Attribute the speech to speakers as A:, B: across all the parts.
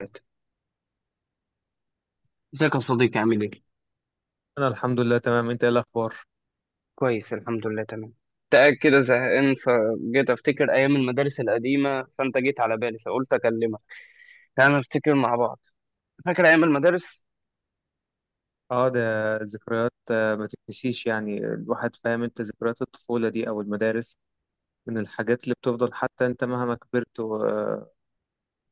A: الوقت. ازيك يا صديقي، عامل ايه؟
B: انا الحمد لله تمام. انت ايه الاخبار؟
A: كويس، الحمد لله، تمام. تأك كده زهقان فجيت أفتكر أيام المدارس القديمة، فأنت جيت على بالي فقلت أكلمك. تعالى نفتكر مع بعض. فاكر أيام المدارس؟
B: اه، ده ذكريات. ما تتنسيش يعني. الواحد فاهم انت، ذكريات الطفولة دي او المدارس من الحاجات اللي بتفضل. حتى انت مهما كبرت و... آه،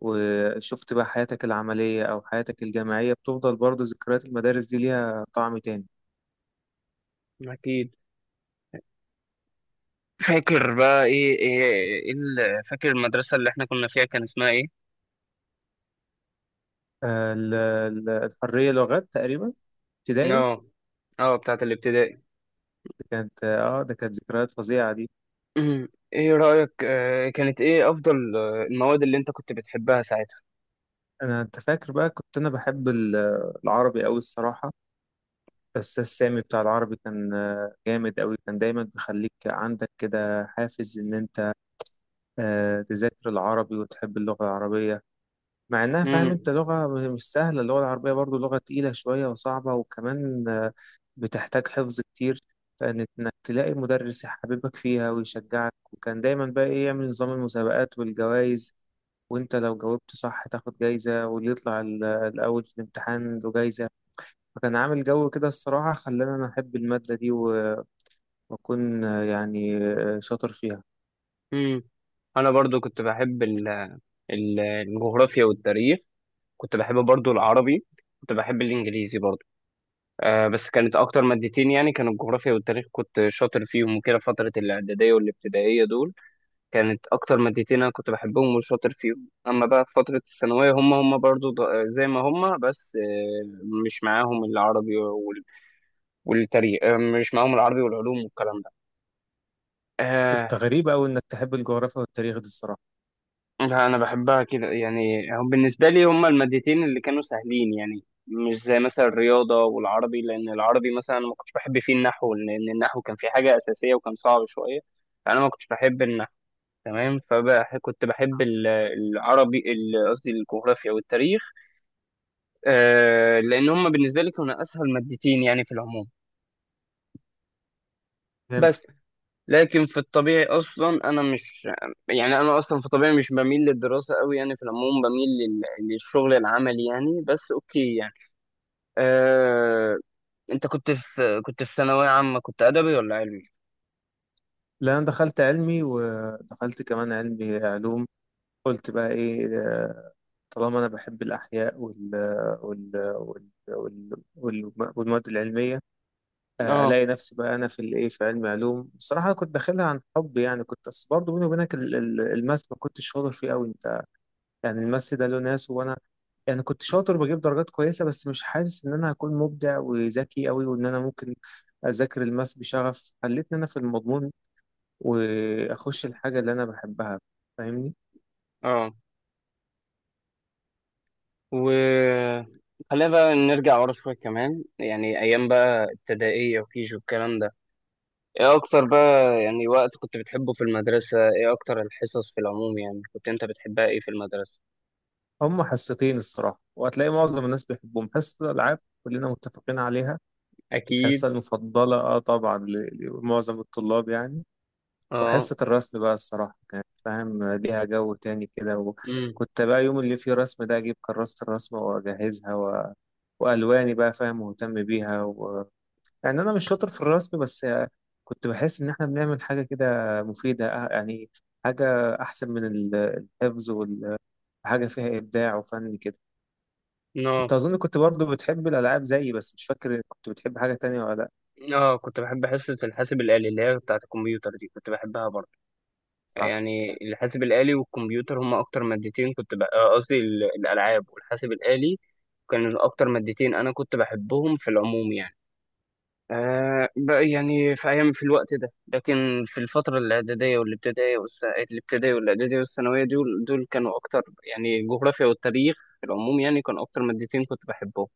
B: وشفت بقى حياتك العملية او حياتك الجامعية، بتفضل برضو ذكريات المدارس دي ليها طعم تاني.
A: أكيد. فاكر بقى فاكر المدرسة اللي إحنا كنا فيها كان اسمها إيه؟
B: الحرية لغات تقريبا، ابتدائي.
A: آه. آه، بتاعت الابتدائي.
B: كانت ده كانت ذكريات فظيعة دي.
A: إيه رأيك؟ كانت إيه أفضل المواد اللي أنت كنت بتحبها ساعتها؟
B: انا انت فاكر بقى، كنت انا بحب العربي قوي الصراحة. الأستاذ سامي بتاع العربي كان جامد أوي. كان دايما بيخليك عندك كده حافز إن أنت تذاكر العربي وتحب اللغة العربية. مع إنها فاهم
A: أمم،
B: أنت لغة مش سهلة، اللغة العربية برضو لغة تقيلة شوية وصعبة، وكمان بتحتاج حفظ كتير. فإن إنك تلاقي مدرس يحببك فيها ويشجعك، وكان دايما بقى إيه، يعمل نظام المسابقات والجوائز، وأنت لو جاوبت صح تاخد جايزة، واللي يطلع الأول في الامتحان له جايزة. فكان عامل جو كده الصراحة، خلاني أنا أحب المادة دي وأكون يعني شاطر فيها.
A: أمم. أنا برضو كنت بحب الجغرافيا والتاريخ. كنت بحب برضو العربي. كنت بحب الانجليزي برضو. بس كانت اكتر مادتين، يعني كانوا الجغرافيا والتاريخ، كنت شاطر فيهم، وكده فترة الاعدادية والابتدائية دول كانت اكتر مادتين انا كنت بحبهم وشاطر فيهم. اما بقى في فترة الثانوية هم برضو زي ما هم، بس مش معاهم العربي والتاريخ. مش معاهم العربي والعلوم والكلام ده. آه.
B: أنت غريب أوي إنك تحب الجغرافيا والتاريخ دي الصراحة.
A: لا، انا بحبها كده، يعني هم بالنسبه لي هم المادتين اللي كانوا سهلين، يعني مش زي مثلا الرياضه والعربي، لان العربي مثلا أنا ما كنتش بحب فيه النحو، لان النحو كان فيه حاجه اساسيه وكان صعب شويه. انا ما كنتش بحب النحو. تمام، فكنت بحب قصدي الجغرافيا والتاريخ. لان هم بالنسبه لي كانوا اسهل مادتين، يعني في العموم.
B: فهمت.
A: بس. لكن في الطبيعي اصلا انا مش، يعني انا اصلا في طبيعي مش بميل للدراسه قوي، يعني في العموم بميل للشغل العملي، يعني بس اوكي يعني. آه... انت كنت في ثانويه عامه كنت ادبي ولا علمي؟
B: لا، أنا دخلت علمي، ودخلت كمان علمي علوم. قلت بقى إيه، طالما أنا بحب الأحياء وال وال وال وال وال- والمواد العلمية،
A: اه.
B: ألاقي نفسي بقى أنا في الإيه، في علمي علوم. الصراحة كنت داخلها عن حب يعني، كنت بس برضه بيني وبينك الماث ما كنتش شاطر فيه أوي أنت. يعني الماث ده له ناس، وأنا يعني كنت شاطر بجيب درجات كويسة، بس مش حاسس إن أنا هكون مبدع وذكي أوي، وإن أنا ممكن أذاكر الماث بشغف خلتني أنا في المضمون وأخش الحاجة اللي أنا بحبها. فاهمني؟
A: اه، و خلينا بقى نرجع ورا شويه كمان، يعني ايام بقى ابتدائيه وكيجي والكلام ده. ايه اكتر بقى يعني وقت كنت بتحبه في المدرسه؟ ايه اكتر الحصص في العموم، يعني كنت انت بتحبها ايه في المدرسه؟
B: هما حصتين الصراحة، وهتلاقي معظم الناس بيحبهم. حصة الألعاب كلنا متفقين عليها،
A: اكيد.
B: الحصة المفضلة آه طبعا لمعظم الطلاب يعني.
A: اه.
B: وحصة الرسم بقى الصراحة، كانت فاهم ليها جو تاني كده. وكنت بقى يوم اللي فيه رسم ده أجيب كراسة الرسمة وأجهزها وألواني بقى، فاهم، مهتم بيها يعني أنا مش شاطر في الرسم، بس كنت بحس إن إحنا بنعمل حاجة كده مفيدة، يعني حاجة أحسن من الحفظ، وحاجة فيها إبداع وفن كده.
A: امم.
B: أنت أظن كنت برضو بتحب الألعاب زيي، بس مش فاكر كنت بتحب حاجة تانية ولا لأ.
A: اه، كنت بحب حصة الحاسب الآلي اللي هي بتاعة الكمبيوتر دي، كنت بحبها برضه.
B: صح؟
A: يعني الحاسب الآلي والكمبيوتر هما أكتر مادتين كنت بقى، قصدي الألعاب والحاسب الآلي، كانوا أكتر مادتين أنا كنت بحبهم في العموم يعني. بقى يعني في أيام في الوقت ده، لكن في الفترة الإعدادية والابتدائية الابتدائية والإعدادية والثانوية دول كانوا أكتر، يعني الجغرافيا والتاريخ، في العموم يعني كانوا أكتر مادتين كنت بحبهم.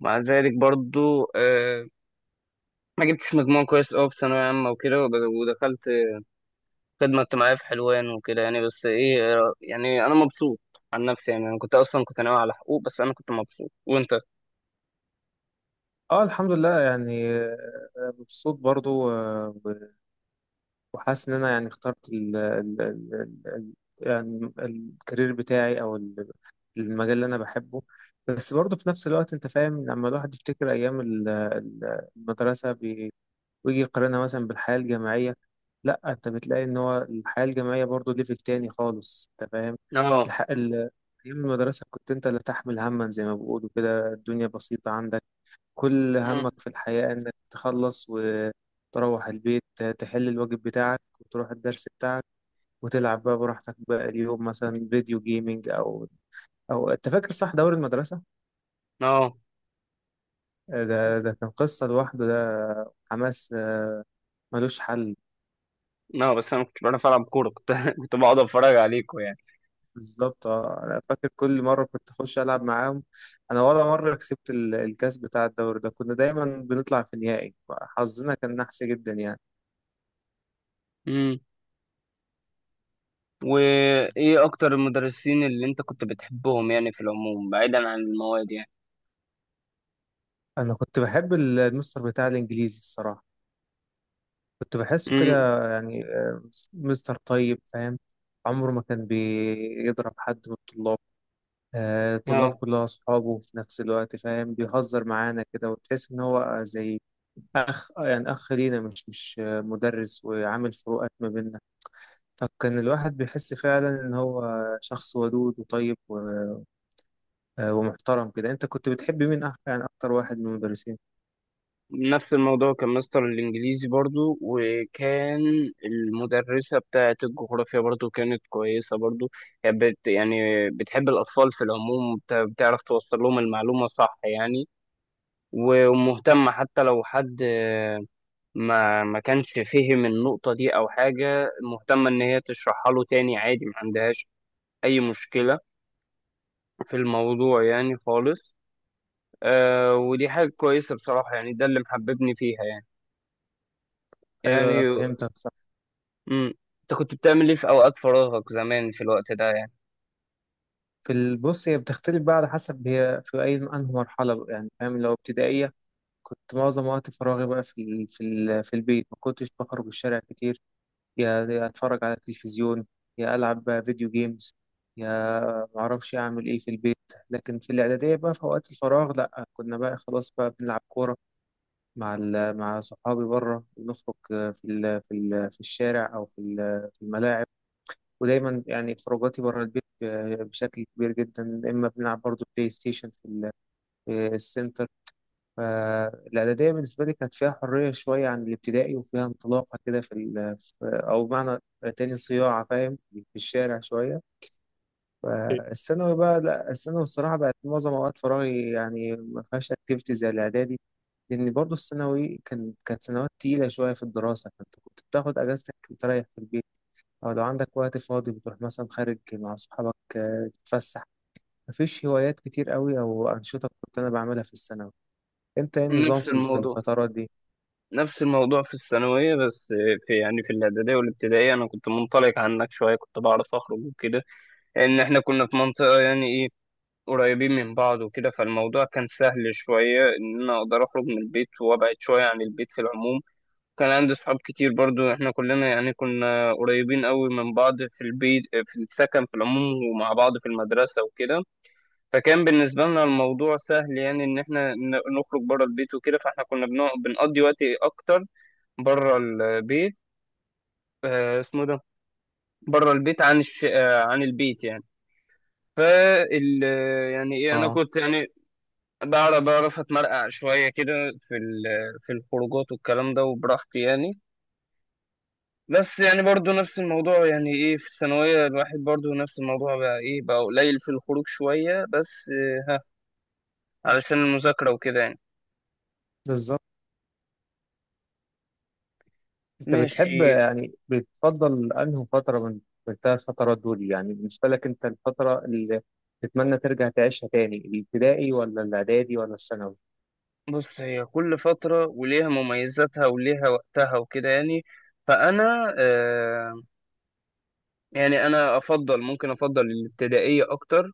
A: مع ذلك برضو ما جبتش مجموع كويس أوي في ثانوية عامة وكده، ودخلت خدمة اجتماعية في حلوان وكده، يعني بس إيه، يعني أنا مبسوط عن نفسي، يعني أنا كنت أصلا كنت ناوي على حقوق، بس أنا كنت مبسوط. وأنت؟
B: اه، الحمد لله يعني، مبسوط برضو. وحاسس ان انا يعني اخترت ال ال ال ال يعني الكارير بتاعي او المجال اللي انا بحبه. بس برضه في نفس الوقت انت فاهم، لما الواحد يفتكر ايام المدرسه ويجي يقارنها مثلا بالحياه الجامعيه، لا انت بتلاقي ان هو الحياه الجامعيه برضه ليفل تاني خالص، انت فاهم.
A: آه.
B: الح- ال- ايام المدرسه كنت انت اللي تحمل هما زي ما بيقولوا كده، الدنيا بسيطه عندك. كل
A: مم.
B: همك في الحياة إنك تخلص وتروح البيت، تحل الواجب بتاعك وتروح الدرس بتاعك وتلعب بقى براحتك بقى اليوم، مثلا فيديو جيمينج أو أو، أنت فاكر صح دوري المدرسة؟
A: آه،
B: ده كان قصة لوحده، ده حماس ملوش حل.
A: آه، بس أنا كنت بعرف ألعب كورة، كنت كنت بقعد أتفرج عليكوا يعني.
B: بالظبط آه. أنا فاكر كل مرة كنت أخش ألعب معاهم، أنا ولا مرة كسبت الكاس بتاع الدوري ده. كنا دايما بنطلع في النهائي، حظنا كان نحس جدا يعني.
A: مم. وإيه أكتر المدرسين اللي أنت كنت بتحبهم، يعني في العموم بعيدا عن المواد يعني؟
B: أنا كنت بحب المستر بتاع الإنجليزي الصراحة. كنت بحسه كده،
A: مم.
B: يعني مستر طيب، فاهم، عمره ما كان بيضرب حد من الطلاب. الطلاب
A: آه.
B: كلها أصحابه في نفس الوقت، فاهم، بيهزر معانا كده وتحس إن هو زي أخ، يعني أخ لينا، مش مدرس وعامل فروقات ما بيننا. فكان الواحد بيحس فعلا إن هو شخص ودود وطيب ومحترم كده. أنت كنت بتحب مين يعني أكتر واحد من المدرسين؟
A: نفس الموضوع، كان مستر الإنجليزي برضو، وكان المدرسة بتاعة الجغرافيا برضو كانت كويسة برضو، يعني يعني بتحب الأطفال في العموم، بتعرف توصل لهم المعلومة صح يعني، ومهتمة، حتى لو حد ما كانش فهم النقطة دي أو حاجة، مهتمة إن هي تشرحها له تاني عادي، ما عندهاش أي مشكلة في الموضوع يعني خالص. آه، ودي حاجة كويسة بصراحة، يعني ده اللي محببني فيها يعني،
B: أيوه،
A: يعني.
B: فهمتك.
A: امم. انت كنت بتعمل ايه في اوقات فراغك زمان في الوقت ده يعني؟
B: في البص، هي بتختلف بقى على حسب هي في أي أنهي مرحلة بقى يعني، فاهم، لو ابتدائية كنت معظم وقت فراغي بقى في البيت. ما كنتش بخرج الشارع كتير، يا يا أتفرج على التلفزيون، يا ألعب بقى فيديو جيمز، يا معرفش أعمل إيه في البيت. لكن في الإعدادية بقى، في وقت الفراغ لأ، كنا بقى خلاص بقى بنلعب كورة مع مع صحابي بره. بنخرج في في الشارع، أو في في الملاعب. ودايما يعني خروجاتي بره البيت بشكل كبير جدا. اما بنلعب برضو بلاي ستيشن في في السنتر. فالاعداديه بالنسبه لي كانت فيها حريه شويه عن الابتدائي، وفيها انطلاقه كده في او بمعنى تاني صياعه، فاهم، في الشارع شويه. فالثانوي بقى لا، الثانوي الصراحه بقت معظم اوقات فراغي يعني ما فيهاش اكتيفيتي زي الاعدادي، لان برضو الثانوي كانت سنوات تقيله شويه في الدراسه. فانت كنت بتاخد اجازتك وتريح في البيت، أو لو عندك وقت فاضي بتروح مثلا خارج مع أصحابك تتفسح. مفيش هوايات كتير قوي أو أنشطة كنت أنا بعملها في الثانوي. أنت إيه النظام
A: نفس
B: في
A: الموضوع.
B: الفترات دي؟
A: نفس الموضوع في الثانوية، بس في الإعدادية والابتدائية أنا كنت منطلق عنك شوية، كنت بعرف أخرج وكده، لأن إحنا كنا في منطقة، يعني إيه، قريبين من بعض وكده، فالموضوع كان سهل شوية إن أنا أقدر أخرج من البيت وأبعد شوية عن البيت في العموم. كان عندي صحاب كتير برضو، إحنا كلنا يعني كنا قريبين قوي من بعض في البيت، في السكن في العموم، ومع بعض في المدرسة وكده. فكان بالنسبة لنا الموضوع سهل، يعني إن إحنا نخرج بره البيت وكده، فإحنا كنا بنقضي وقت أكتر بره البيت. اسمه ده بره البيت عن عن البيت يعني. فال يعني إيه، أنا
B: اه،
A: كنت يعني بعرف أتمرقع شوية كده في ال... في الخروجات والكلام ده وبراحتي يعني. بس يعني برضو نفس الموضوع، يعني إيه، في الثانوية الواحد برضو نفس الموضوع بقى إيه، بقى قليل في الخروج شوية بس ها علشان المذاكرة وكده يعني.
B: بالظبط. أنت بتحب
A: ماشي.
B: يعني بتفضل أنهي فترة من من الثلاث فترات دول يعني، بالنسبة لك أنت الفترة اللي تتمنى ترجع تعيشها تاني، الابتدائي ولا الإعدادي ولا الثانوي؟
A: بص، هي كل فترة وليها مميزاتها وليها وقتها وكده يعني، فأنا يعني أنا أفضل، ممكن أفضل الابتدائية أكتر.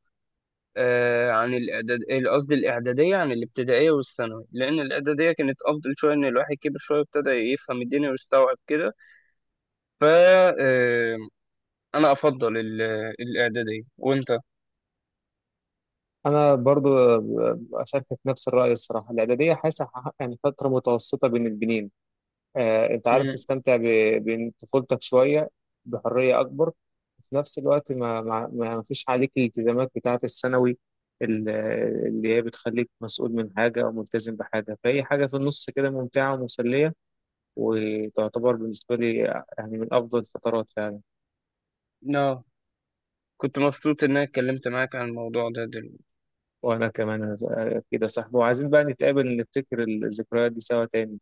A: عن قصدي الإعدادية، عن الابتدائية والثانوي، لأن الإعدادية كانت أفضل شوية، إن الواحد كبر شوية ابتدى يفهم الدنيا ويستوعب كده. ف آه، أنا أفضل الإعدادية. وأنت؟
B: انا برضو اشاركك نفس الراي الصراحه. الاعداديه حاسه يعني فتره متوسطه بين البنين. انت عارف
A: مم،
B: تستمتع بطفولتك شوية، بحرية أكبر، وفي نفس الوقت ما فيش عليك الالتزامات بتاعة الثانوي ال- اللي هي بتخليك مسؤول من حاجة أو ملتزم بحاجة. فهي حاجة في النص كده، ممتعة ومسلية، وتعتبر بالنسبة لي يعني من أفضل الفترات فعلا.
A: لا، كنت مبسوط إن أنا اتكلمت معاك عن الموضوع ده دلوقتي.
B: وأنا كمان. كده صاحبي، وعايزين بقى نتقابل نفتكر الذكريات دي سوا تاني.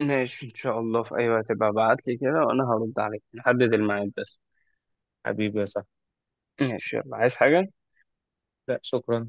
A: ماشي، إن شاء الله، في أي وقت بقى ابعتلي كده وأنا هرد عليك، نحدد الميعاد بس.
B: حبيبي يا صاحبي.
A: ماشي يلا، عايز حاجة؟
B: لا، شكرا.